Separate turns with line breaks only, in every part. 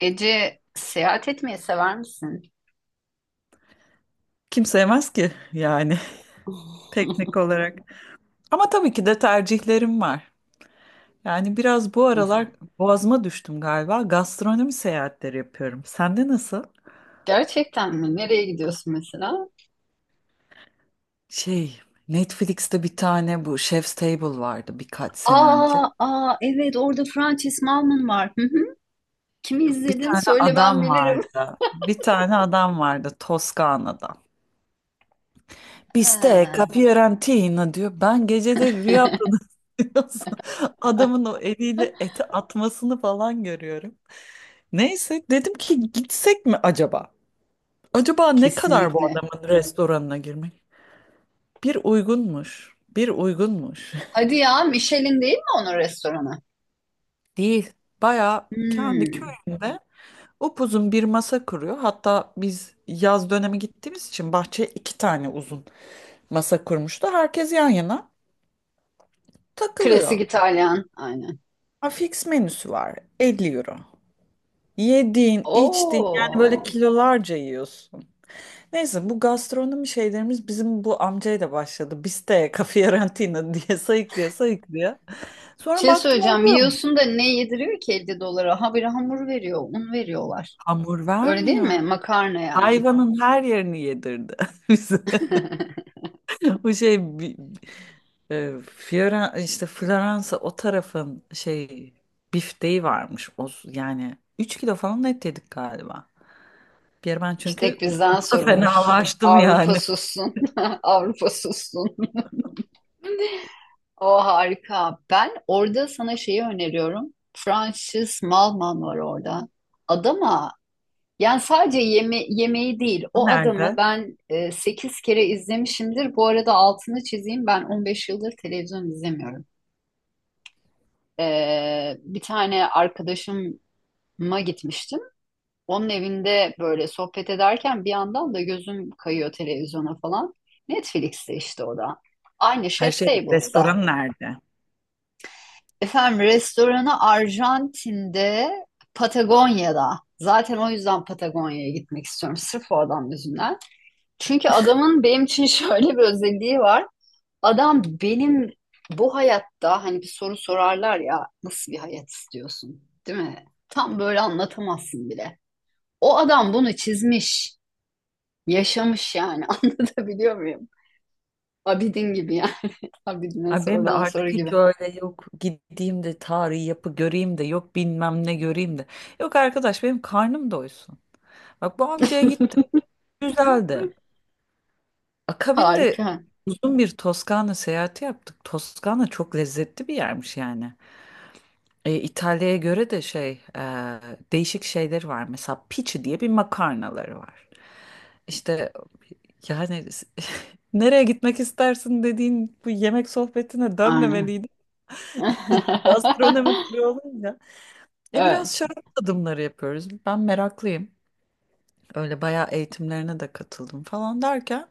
Ece seyahat etmeyi sever misin?
Kim sevmez ki yani teknik olarak. Ama tabii ki de tercihlerim var. Yani biraz bu aralar
Mesela.
boğazıma düştüm galiba. Gastronomi seyahatleri yapıyorum. Sende nasıl?
Gerçekten mi? Nereye gidiyorsun mesela?
Şey, Netflix'te bir tane bu Chef's Table vardı birkaç sene önce.
Aa, evet orada Frances Malman var. Hı hı. Kimi
Bir
izledin?
tane
Söyle ben
adam
bilirim.
vardı. Bir tane adam vardı Toskana'da. Bistec,
Ha,
capirantina diyor. Ben geceleri rüyamda diyorsun. Adamın o eliyle eti atmasını falan görüyorum. Neyse dedim ki gitsek mi acaba? Acaba ne kadar bu
kesinlikle.
adamın restoranına girmek? Bir uygunmuş. Bir uygunmuş.
Hadi ya Michelin değil mi onun restoranı?
Değil. Bayağı kendi
Hmm.
köyünde upuzun bir masa kuruyor. Hatta biz yaz dönemi gittiğimiz için bahçeye iki tane uzun masa kurmuştu. Herkes yan yana
Klasik
takılıyor.
İtalyan. Aynen.
Ha, fix menüsü var. 50€. Yediğin, içtiğin yani
Oo.
böyle kilolarca yiyorsun. Neyse bu gastronomi şeylerimiz bizim bu amcayla başladı. Biste, Fiorentina diye sayıklaya sayıklaya. Sonra
Şey
baktım
söyleyeceğim.
oluyor mu?
Yiyorsun da ne yediriyor ki 50 dolara? Ha bir hamur veriyor, un veriyorlar.
Hamur
Öyle değil
vermiyor.
mi? Makarna yani.
Hayvanın her yerini yedirdi bize. Bu şey e, işte Floransa o tarafın şey bifteği varmış. O, yani 3 kilo falan et yedik galiba. Bir ara ben
İstek
çünkü
bizden sorulur.
fenalaştım
Avrupa
yani.
sussun. Avrupa sussun. O harika. Ben orada sana şeyi öneriyorum. Francis Malman var orada. Adama yani sadece yeme yemeği değil o adamı
Nerede?
ben 8 kere izlemişimdir. Bu arada altını çizeyim ben 15 yıldır televizyon izlemiyorum. Bir tane arkadaşıma gitmiştim. Onun evinde böyle sohbet ederken bir yandan da gözüm kayıyor televizyona falan. Netflix'te işte o da. Aynı
Her
Chef's
şey
Table'sa.
restoran nerede?
Efendim restoranı Arjantin'de, Patagonya'da. Zaten o yüzden Patagonya'ya gitmek istiyorum. Sırf o adam yüzünden. Çünkü adamın benim için şöyle bir özelliği var. Adam benim bu hayatta hani bir soru sorarlar ya nasıl bir hayat istiyorsun, değil mi? Tam böyle anlatamazsın bile. O adam bunu çizmiş. Yaşamış yani anlatabiliyor muyum? Abidin gibi yani. Abidin'e
Ay benim de
sorulan soru
artık hiç
gibi.
öyle yok gideyim de tarihi yapı göreyim de yok bilmem ne göreyim de. Yok arkadaş benim karnım doysun. Bak bu amcaya gittim. Güzeldi. Akabinde
Harika.
uzun bir Toskana seyahati yaptık. Toskana çok lezzetli bir yermiş yani. E, İtalya'ya göre de şey e, değişik şeyleri var. Mesela pici diye bir makarnaları var. İşte yani nereye gitmek istersin dediğin bu yemek sohbetine
Aynen.
dönmemeliydi. Gastronomi turu olunca. E
Evet.
biraz şarap tadımları yapıyoruz. Ben meraklıyım. Öyle bayağı eğitimlerine de katıldım falan derken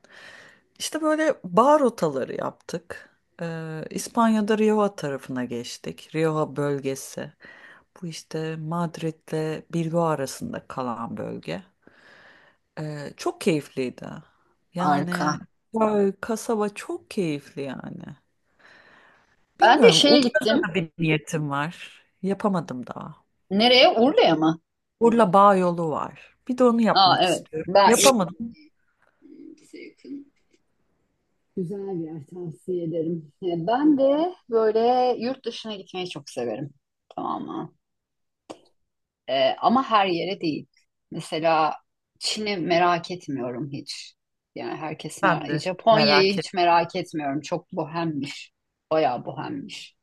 işte böyle bar rotaları yaptık. İspanya'da Rioja tarafına geçtik. Rioja bölgesi. Bu işte Madrid'le Bilbao arasında kalan bölge. Çok keyifliydi. Yani
Harika.
köy, kasaba çok keyifli yani.
Ben de
Bilmiyorum.
şeye
Urla'da
gittim.
da bir niyetim var. Yapamadım daha.
Nereye? Urla'ya mı?
Urla Bağ yolu var. Bir de onu
Aa
yapmak
evet.
istiyorum.
Ben
Yapamadım.
bize yakın. Güzel bir yer tavsiye ederim. Ben de böyle yurt dışına gitmeyi çok severim. Tamam mı? Ama her yere değil. Mesela Çin'i merak etmiyorum hiç. Yani herkes merak...
Ben de
Japonya'yı
merak
hiç
ettim.
merak etmiyorum. Çok bohemmiş. Bayağı bohemmiş.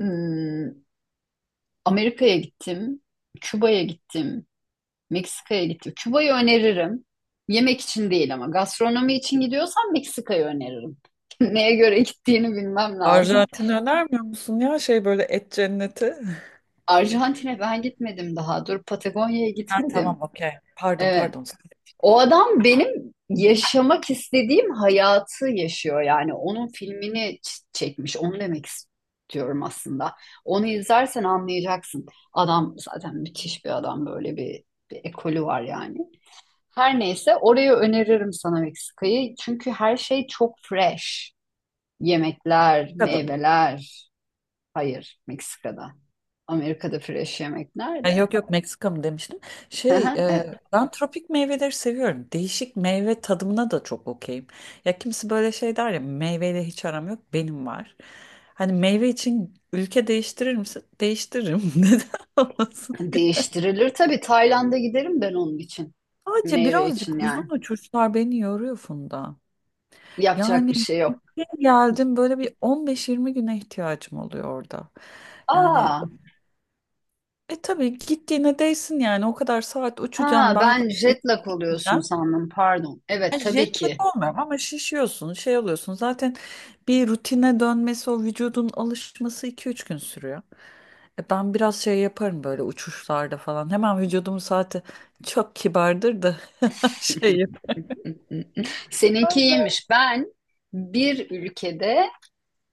Hmm, Amerika'ya gittim. Küba'ya gittim. Meksika'ya gittim. Küba'yı öneririm. Yemek için değil ama gastronomi için gidiyorsan Meksika'yı öneririm. Neye göre gittiğini bilmem lazım.
Arjantin önermiyor musun ya şey böyle et cenneti?
Arjantin'e ben gitmedim daha. Dur Patagonya'ya
Ha,
gitmedim.
tamam okey. Pardon
Ee,
pardon.
O adam benim yaşamak istediğim hayatı yaşıyor yani. Onun filmini çekmiş. Onu demek istiyorum aslında. Onu izlersen anlayacaksın. Adam zaten müthiş bir adam. Böyle bir ekolü var yani. Her neyse orayı öneririm sana Meksika'yı. Çünkü her şey çok fresh. Yemekler,
Meksika'da mı?
meyveler. Hayır, Meksika'da. Amerika'da fresh yemek
Ha,
nerede?
yok yok Meksika mı demiştim. Şey ben tropik meyveleri seviyorum. Değişik meyve tadımına da çok okeyim. Ya kimse böyle şey der ya meyveyle hiç aram yok benim var. Hani meyve için ülke değiştirir misin? Değiştiririm. Neden olmasın?
Değiştirilir. Tabii Tayland'a giderim ben onun için.
Sadece
Meyve için
birazcık uzun
yani.
uçuşlar beni yoruyor Funda.
Yapacak bir
Yani
şey yok.
bir geldim böyle bir 15-20 güne ihtiyacım oluyor orada. Yani
Aa,
e tabii gittiğine değsin yani o kadar saat uçacağım
ha
ben zaten.
ben jet lag oluyorsun
Gideceğim.
sandım. Pardon. Evet
Yani
tabii
Jet lag
ki.
olmuyorum ama şişiyorsun şey oluyorsun zaten bir rutine dönmesi o vücudun alışması 2-3 gün sürüyor. E ben biraz şey yaparım böyle uçuşlarda falan hemen vücudumun saati çok kibardır da şey yaparım.
Seninki iyiymiş. Ben bir ülkede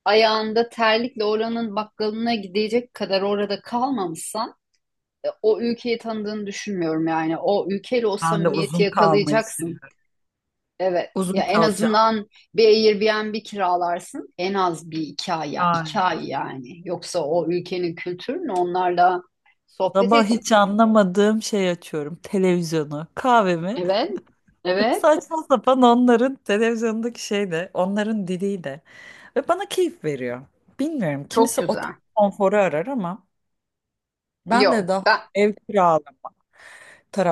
ayağında terlikle oranın bakkalına gidecek kadar orada kalmamışsan o ülkeyi tanıdığını düşünmüyorum yani. O ülkeyle o
Ben de
samimiyeti
uzun kalmayı
yakalayacaksın.
seviyorum.
Evet.
Uzun
Ya en
kalacağım.
azından bir Airbnb kiralarsın. En az bir iki ay ya. iki
Aynen.
ay yani. Yoksa o ülkenin kültürünü onlarla sohbet
Sabah
et.
hiç anlamadığım şey açıyorum. Televizyonu, kahvemi.
Evet. Evet.
Saçma sapan onların televizyondaki şey de, onların diliyle. Ve bana keyif veriyor. Bilmiyorum.
Çok
Kimisi
güzel.
otel konforu arar ama ben de
Yok.
daha
Ben.
ev kiralama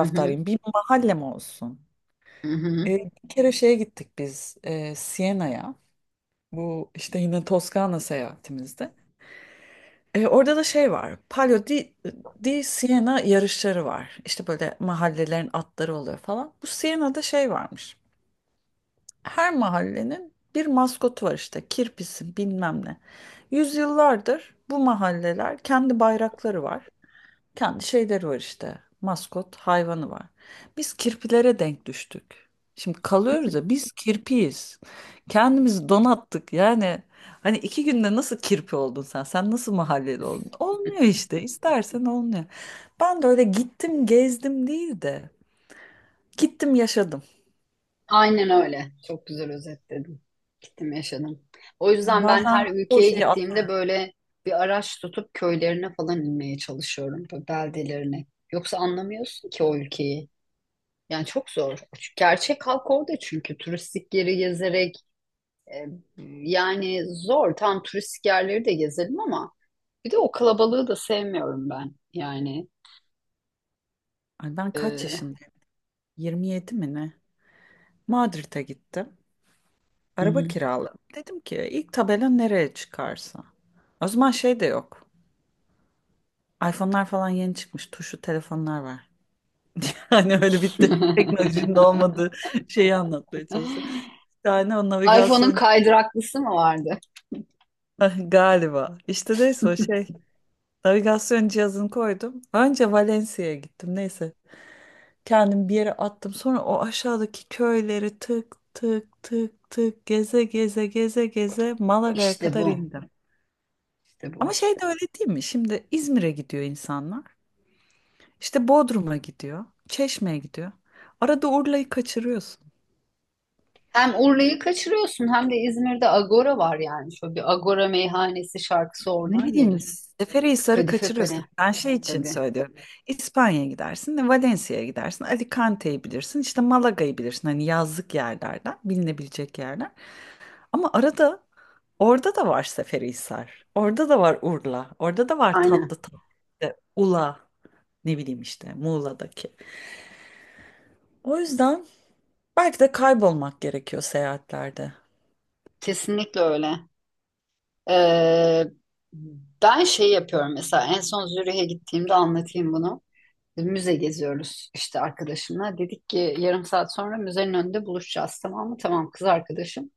Hı hı,
Bir mahallem olsun.
hı hı.
Bir kere şeye gittik biz Siena'ya. Bu işte yine Toskana seyahatimizde. E, orada da şey var. Palio di Siena yarışları var. İşte böyle mahallelerin atları oluyor falan. Bu Siena'da şey varmış. Her mahallenin bir maskotu var işte. Kirpisi bilmem ne. Yüzyıllardır bu mahalleler kendi bayrakları var kendi şeyleri var işte. Maskot hayvanı var. Biz kirpilere denk düştük. Şimdi kalıyoruz ya biz kirpiyiz. Kendimizi donattık. Yani hani iki günde nasıl kirpi oldun sen? Sen nasıl mahalleli oldun? Olmuyor işte. İstersen olmuyor. Ben de öyle gittim gezdim değil de gittim yaşadım.
Aynen öyle. Çok güzel özetledin. Gittim yaşadım. O
Yani
yüzden ben her
bazen o
ülkeye
şeyi at.
gittiğimde böyle bir araç tutup köylerine falan inmeye çalışıyorum. Böyle beldelerine. Yoksa anlamıyorsun ki o ülkeyi. Yani çok zor. Gerçek halk orada çünkü turistik yeri gezerek e, yani zor. Tam turistik yerleri de gezelim ama bir de o kalabalığı da sevmiyorum ben. Yani
Ay ben kaç
e,
yaşındayım? 27 mi ne? Madrid'e gittim.
hı
Araba
hı.
kiraladım. Dedim ki ilk tabela nereye çıkarsa. O zaman şey de yok. iPhone'lar falan yeni çıkmış. Tuşlu telefonlar var. Hani öyle bitti. Teknolojinin olmadığı şeyi anlatmaya çalıştım. Yani o
iPhone'un
navigasyon
kaydıraklısı mı vardı?
galiba. İşte neyse o şey. Navigasyon cihazını koydum. Önce Valencia'ya gittim. Neyse. Kendimi bir yere attım. Sonra o aşağıdaki köyleri tık tık tık tık geze geze geze geze Malaga'ya
İşte
kadar
bu.
indim.
İşte
Ama
bu.
şey de öyle değil mi? Şimdi İzmir'e gidiyor insanlar. İşte Bodrum'a gidiyor. Çeşme'ye gidiyor. Arada Urla'yı kaçırıyorsun.
Hem Urla'yı kaçırıyorsun hem de İzmir'de Agora var yani. Şöyle bir Agora meyhanesi şarkısı
Ne
oradan
bileyim
gelir.
Seferihisar'ı
Kadife
kaçırıyorsun.
Kale
Ben şey için
tabii.
söylüyorum. İspanya'ya gidersin de Valencia'ya gidersin. Alicante'yi bilirsin. İşte Malaga'yı bilirsin. Hani yazlık yerlerden, bilinebilecek yerler. Ama arada orada da var Seferihisar. Orada da var Urla. Orada da var tatlı
Aynen.
tatlı. İşte Ula. Ne bileyim işte Muğla'daki. O yüzden belki de kaybolmak gerekiyor seyahatlerde.
Kesinlikle öyle. Ee, ben şey yapıyorum mesela en son Zürih'e gittiğimde anlatayım bunu. Müze geziyoruz işte arkadaşımla. Dedik ki yarım saat sonra müzenin önünde buluşacağız tamam mı? Tamam kız arkadaşım.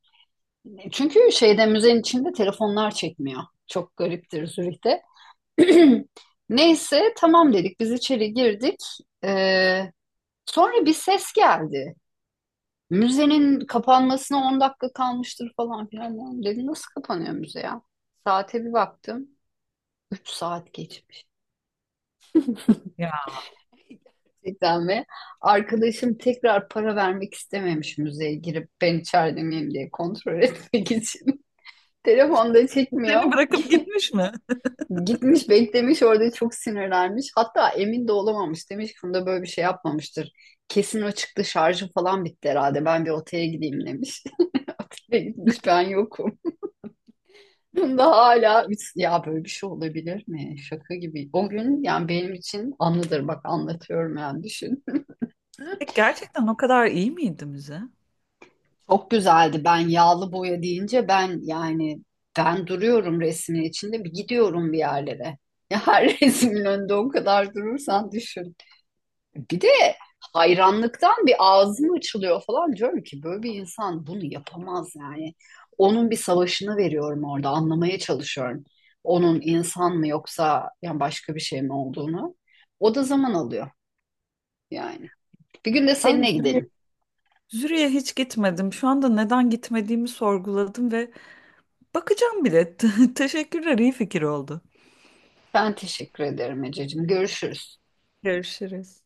Çünkü şeyde müzenin içinde telefonlar çekmiyor. Çok gariptir Zürih'te. Neyse tamam dedik biz içeri girdik. Ee, sonra bir ses geldi. Müzenin kapanmasına 10 dakika kalmıştır falan filan. Dedim nasıl kapanıyor müze ya? Saate bir baktım. 3 saat geçmiş.
Ya.
Gerçekten ve arkadaşım tekrar para vermek istememiş müzeye girip ben içeride miyim diye kontrol etmek için. Telefonda çekmiyor.
Seni bırakıp gitmiş mi?
Gitmiş beklemiş orada çok sinirlenmiş. Hatta emin de olamamış. Demiş ki Funda böyle bir şey yapmamıştır. Kesin o çıktı şarjı falan bitti herhalde. Ben bir otele gideyim demiş. Otele gitmiş ben yokum. Funda hala ya böyle bir şey olabilir mi? Şaka gibi. O gün yani benim için anıdır bak anlatıyorum yani düşün.
Gerçekten o kadar iyi miydi müze?
Çok güzeldi. Ben yağlı boya deyince ben yani ben duruyorum resmin içinde bir gidiyorum bir yerlere. Ya her resmin önünde o kadar durursan düşün. Bir de hayranlıktan bir ağzım açılıyor falan diyorum ki böyle bir insan bunu yapamaz yani. Onun bir savaşını veriyorum orada anlamaya çalışıyorum. Onun insan mı yoksa yani başka bir şey mi olduğunu. O da zaman alıyor yani. Bir gün de
Ben bir
seninle
sürü
gidelim.
Züriye hiç gitmedim. Şu anda neden gitmediğimi sorguladım ve bakacağım bile. Teşekkürler, iyi fikir oldu.
Ben teşekkür ederim Ececiğim. Görüşürüz.
Görüşürüz.